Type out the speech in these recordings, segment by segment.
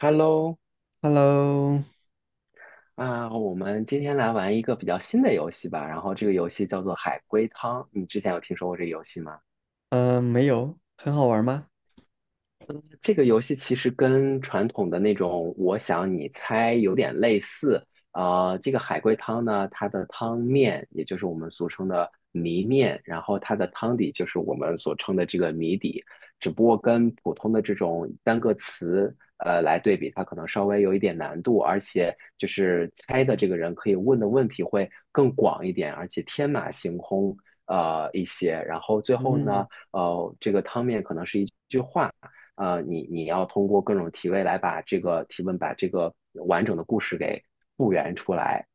Hello，Hello。我们今天来玩一个比较新的游戏吧。然后这个游戏叫做海龟汤，你之前有听说过这个游戏吗？没有，很好玩吗？这个游戏其实跟传统的那种我想你猜有点类似。这个海龟汤呢，它的汤面也就是我们俗称的谜面，然后它的汤底就是我们所称的这个谜底，只不过跟普通的这种单个词来对比，它可能稍微有一点难度，而且就是猜的这个人可以问的问题会更广一点，而且天马行空一些。然后最后呢，嗯，这个汤面可能是一句话。你要通过各种提问来把这个提问把这个完整的故事给复原出来。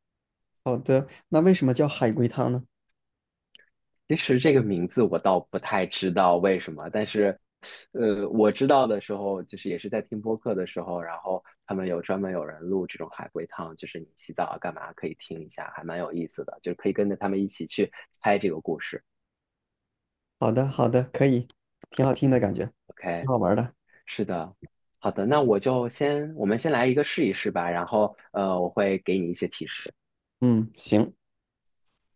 好的。那为什么叫海龟汤呢？其实这个名字我倒不太知道为什么，但是，我知道的时候就是也是在听播客的时候，然后他们有专门有人录这种海龟汤，就是你洗澡啊干嘛可以听一下，还蛮有意思的，就是可以跟着他们一起去猜这个故事。好的，好的，可以，挺好听的感觉，挺 OK,好玩的。是的。好的，那我就先，我们先来一个试一试吧，然后我会给你一些提示。嗯，行。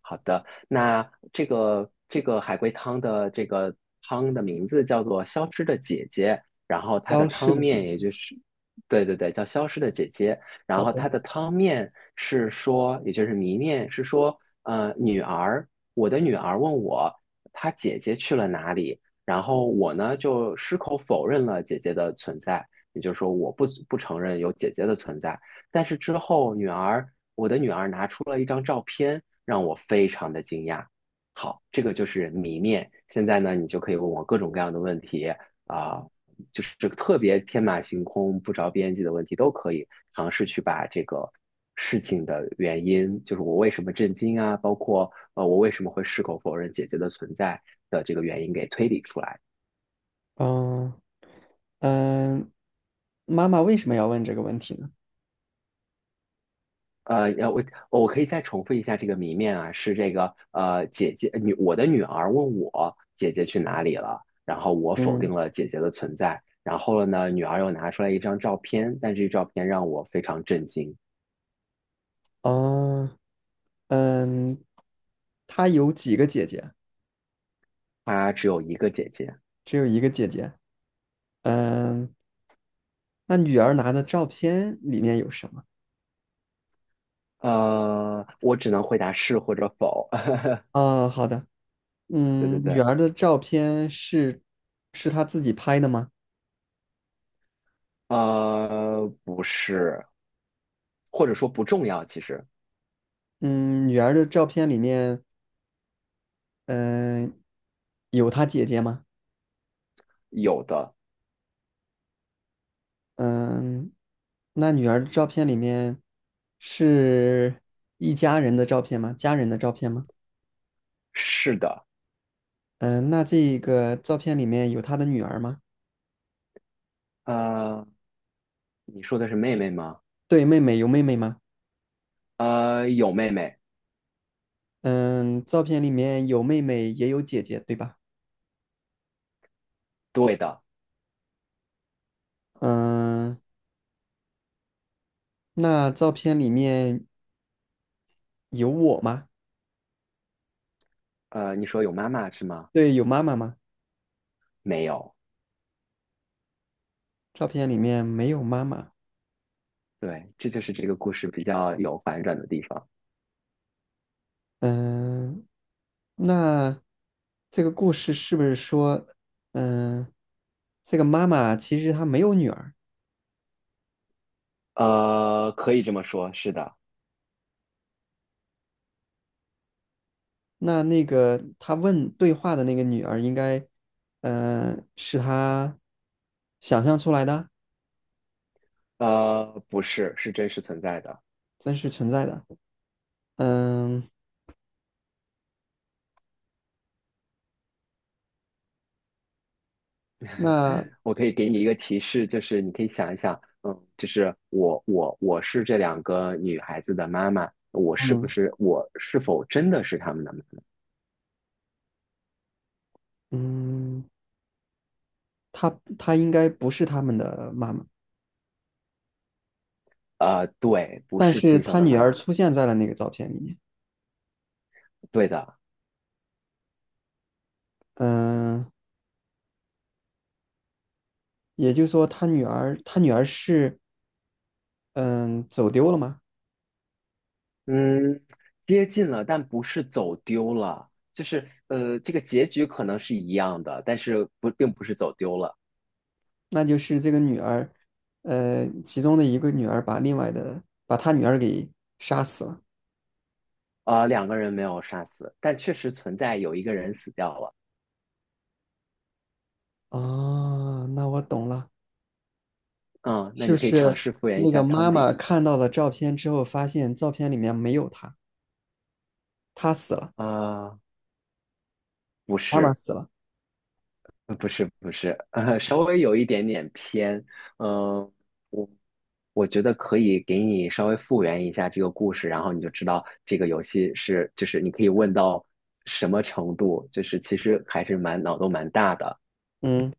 好那这个海龟汤的这个汤的名字叫做《消失的姐姐》，然后它的消失汤的姐面姐。也就是，对对对，叫《消失的姐姐》，然好后它的。的汤面是说，也就是谜面是说，呃，女儿，我的女儿问我，她姐姐去了哪里，然后我呢就矢口否认了姐姐的存在，也就是说我不承认有姐姐的存在，但是之后女儿。我的女儿拿出了一张照片，让我非常的惊讶。好，这个就是谜面。现在呢，你就可以问我各种各样的问题啊、呃就是特别天马行空、不着边际的问题都可以尝试去把这个事情的原因，就是我为什么震惊啊，包括我为什么会矢口否认姐姐的存在的这个原因给推理出来。嗯嗯，妈妈为什么要问这个问题呢？呃，要我我可以再重复一下这个谜面啊，是这个呃，姐姐女我的女儿问我姐姐去哪里了，然后我否定嗯。了姐姐的存在，然后了呢，女儿又拿出来一张照片，但这照片让我非常震惊，哦。嗯，她有几个姐姐？她只有一个姐姐，只有一个姐姐。嗯，那女儿拿的照片里面有什么？我只能回答是或者否，哦，好的。对对嗯，女对，儿的照片是是她自己拍的吗？不是，或者说不重要，其实嗯，女儿的照片里面，嗯、有她姐姐吗？有的嗯，那女儿的照片里面是一家人的照片吗？家人的照片吗？是的，嗯，那这个照片里面有她的女儿吗？呃，你说的是妹妹吗？对，妹妹有妹妹吗？有妹妹，嗯，照片里面有妹妹也有姐姐，对吧？对的。嗯，那照片里面有我吗？你说有妈妈是吗？对，有妈妈吗？没有，照片里面没有妈妈。对，这就是这个故事比较有反转的地方。嗯，那这个故事是不是说，嗯，这个妈妈其实她没有女儿？可以这么说，是的，那那个她问对话的那个女儿，应该，嗯，是她想象出来的。不是，是真实存在的。真实存在的。嗯，那我可以给你一个提示，就是你可以想一想，嗯，就是我是这两个女孩子的妈妈，我是不嗯。是我是否真的是她们的妈妈？嗯，她她应该不是他们的妈妈，对，不但是是亲生她的女妈儿妈，出现在了那个照片里面。对的。嗯，也就是说，她女儿是。嗯，走丢了吗？嗯，接近了，但不是走丢了，就是这个结局可能是一样的，但是不，并不是走丢了。那就是这个女儿，呃，其中的一个女儿把另外的把她女儿给杀死了。啊，两个人没有杀死，但确实存在有一个人死掉了。啊，那我懂了。嗯，那是不你可以尝是试复原一那下个妈汤妈底。看到了照片之后，发现照片里面没有她，她死了，啊，不妈妈是，死了。不是，稍微有一点点偏。嗯、我。我觉得可以给你稍微复原一下这个故事，然后你就知道这个游戏是，就是你可以问到什么程度，就是其实还是蛮脑洞蛮大的。嗯。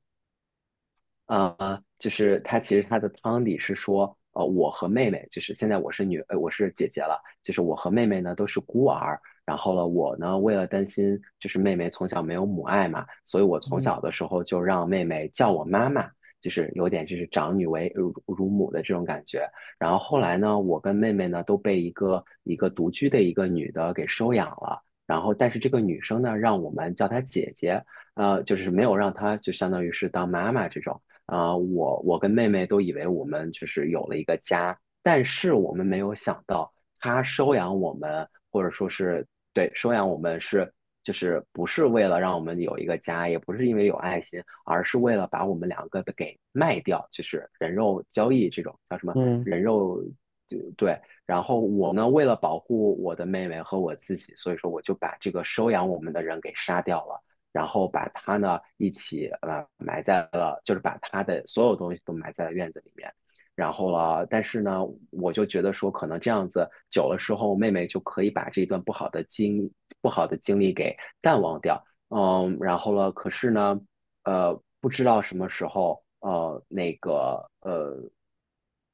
啊，就是他其实他的汤底是说，我和妹妹，就是现在我是女，我是姐姐了，就是我和妹妹呢都是孤儿。然后呢，我呢为了担心，就是妹妹从小没有母爱嘛，所以我从嗯。小的时候就让妹妹叫我妈妈，就是有点就是长女为乳母的这种感觉。然后后来呢，我跟妹妹呢都被一个独居的一个女的给收养了。然后，但是这个女生呢，让我们叫她姐姐，就是没有让她就相当于是当妈妈这种。啊，我跟妹妹都以为我们就是有了一个家，但是我们没有想到，他收养我们，或者说是对收养我们是就是不是为了让我们有一个家，也不是因为有爱心，而是为了把我们两个的给卖掉，就是人肉交易这种叫什么嗯。人肉。就对，然后我呢，为了保护我的妹妹和我自己，所以说我就把这个收养我们的人给杀掉了。然后把它呢一起埋在了，就是把它的所有东西都埋在了院子里面。然后了，但是呢，我就觉得说，可能这样子久了之后，妹妹就可以把这一段不好的经历给淡忘掉。嗯，然后了，可是呢，不知道什么时候，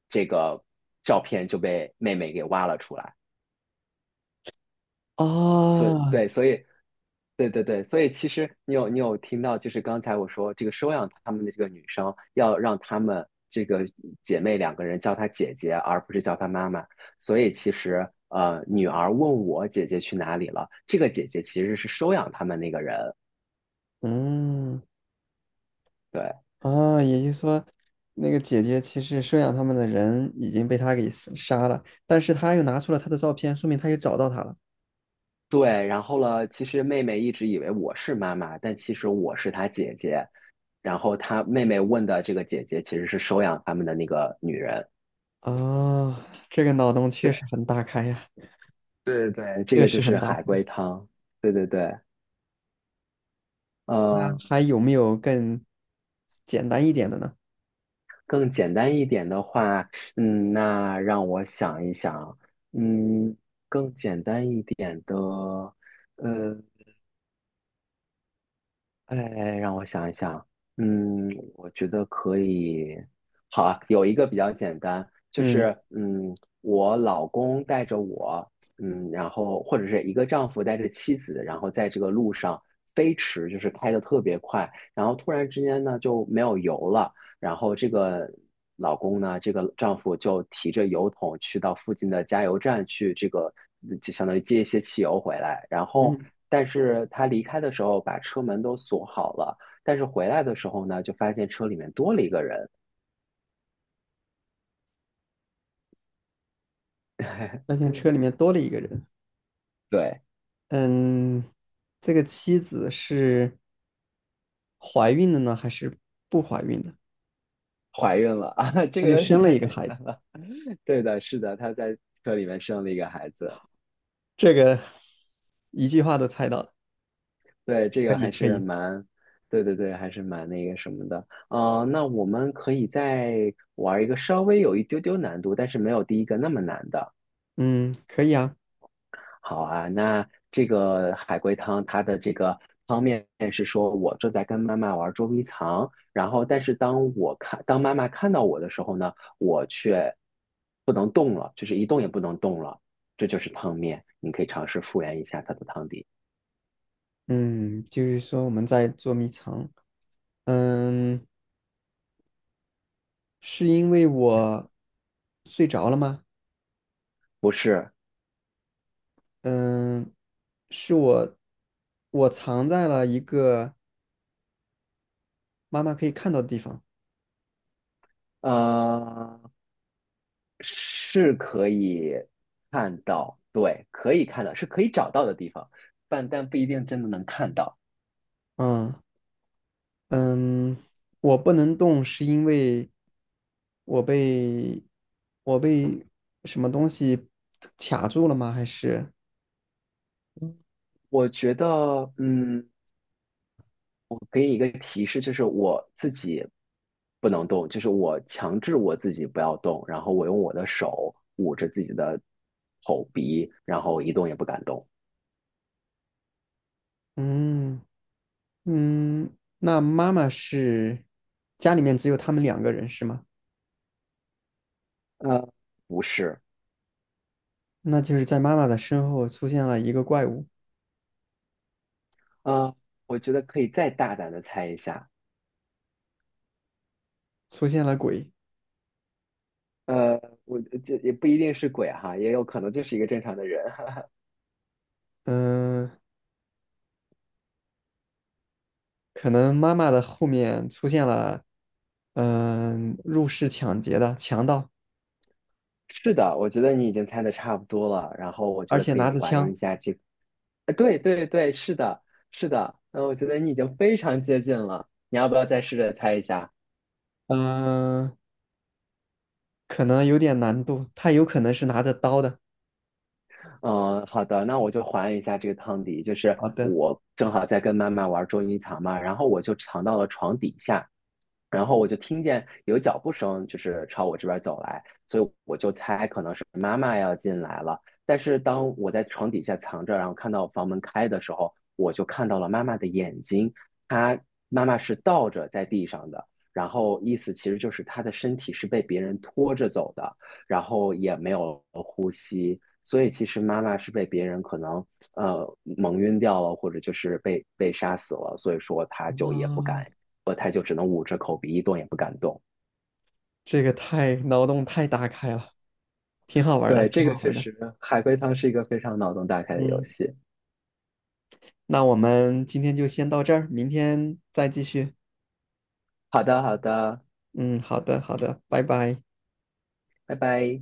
这个照片就被妹妹给挖了出来。所以啊。对，所以对对对，所以其实你有听到，就是刚才我说这个收养他们的这个女生，要让她们这个姐妹两个人叫她姐姐，而不是叫她妈妈。所以其实女儿问我姐姐去哪里了，这个姐姐其实是收养他们那个人。嗯。对啊，也就是说，那个姐姐其实收养他们的人已经被他给死杀了，但是他又拿出了她的照片，说明他又找到她了。对，然后了，其实妹妹一直以为我是妈妈，但其实我是她姐姐。然后她妹妹问的这个姐姐其实是收养他们的那个女人。啊，这个脑洞确实很大开呀，对对，对，这确个就实很是大海开。龟汤。对对对，呃，还有没有更简单一点的呢？更简单一点的话，嗯，那让我想一想，嗯，更简单一点的，呃，哎，让我想一想，嗯，我觉得可以。好啊，有一个比较简单，就嗯。是嗯，我老公带着我，嗯，然后或者是一个丈夫带着妻子，然后在这个路上飞驰，就是开得特别快，然后突然之间呢就没有油了，然后这个老公呢，这个丈夫就提着油桶去到附近的加油站去，这个嗯就相当于接一些汽油回来。然后，嗯，但是他离开的时候把车门都锁好了，但是回来的时候呢，就发现车里面多了一个人，发 现车里面多了一个人。对，嗯，这个妻子是怀孕的呢，还是不怀孕的？怀孕了啊，这那个就有点生了太一个简孩子。单。对的，是的，她在车里面生了一个孩子。这个一句话都猜到了，对，这可个以还可是以，蛮，对对对，还是蛮那个什么的。那我们可以再玩一个稍微有一丢丢难度，但是没有第一个那么难的。嗯，可以啊。好啊，那这个海龟汤它的这个汤面是说，我正在跟妈妈玩捉迷藏，然后但是当我看，当妈妈看到我的时候呢，我却不能动了，就是一动也不能动了，这就是汤面。你可以尝试复原一下它的汤底，嗯，就是说我们在捉迷藏。嗯，是因为我睡着了吗？不是，嗯，是我藏在了一个妈妈可以看到的地方。呃，是可以看到，对，可以看到，是可以找到的地方，但不一定真的能看到。嗯。嗯，我不能动是因为我被我被什么东西卡住了吗？还是我觉得，嗯。我给你一个提示，就是我自己不能动，就是我强制我自己不要动，然后我用我的手捂着自己的口鼻，然后一动也不敢动。嗯。嗯，那妈妈是家里面只有他们两个人是吗？呃，不是，那就是在妈妈的身后出现了一个怪物。呃，我觉得可以再大胆的猜一下。出现了鬼。呃，我这也不一定是鬼哈，也有可能就是一个正常的人。嗯，可能妈妈的后面出现了。入室抢劫的强盗，是的，我觉得你已经猜的差不多了，然后我觉而得且可以拿着还原枪。一下这个对对对，是的，是的，嗯，我觉得你已经非常接近了，你要不要再试着猜一下？嗯、可能有点难度，他有可能是拿着刀的。嗯，好的，那我就还一下这个汤底，就是好的。我正好在跟妈妈玩捉迷藏嘛，然后我就藏到了床底下，然后我就听见有脚步声，就是朝我这边走来，所以我就猜可能是妈妈要进来了。但是当我在床底下藏着，然后看到房门开的时候，我就看到了妈妈的眼睛，她妈妈是倒着在地上的，然后意思其实就是她的身体是被别人拖着走的，然后也没有呼吸。所以其实妈妈是被别人可能蒙晕掉了，或者就是被杀死了，所以说她就也不敢，啊，她就只能捂着口鼻一动也不敢动。这个太脑洞太大开了，挺好玩儿的，对，挺这个好玩确儿的。实，海龟汤是一个非常脑洞大开的游嗯，戏。那我们今天就先到这儿，明天再继续。好的，好的，嗯，好的，好的，拜拜。拜拜。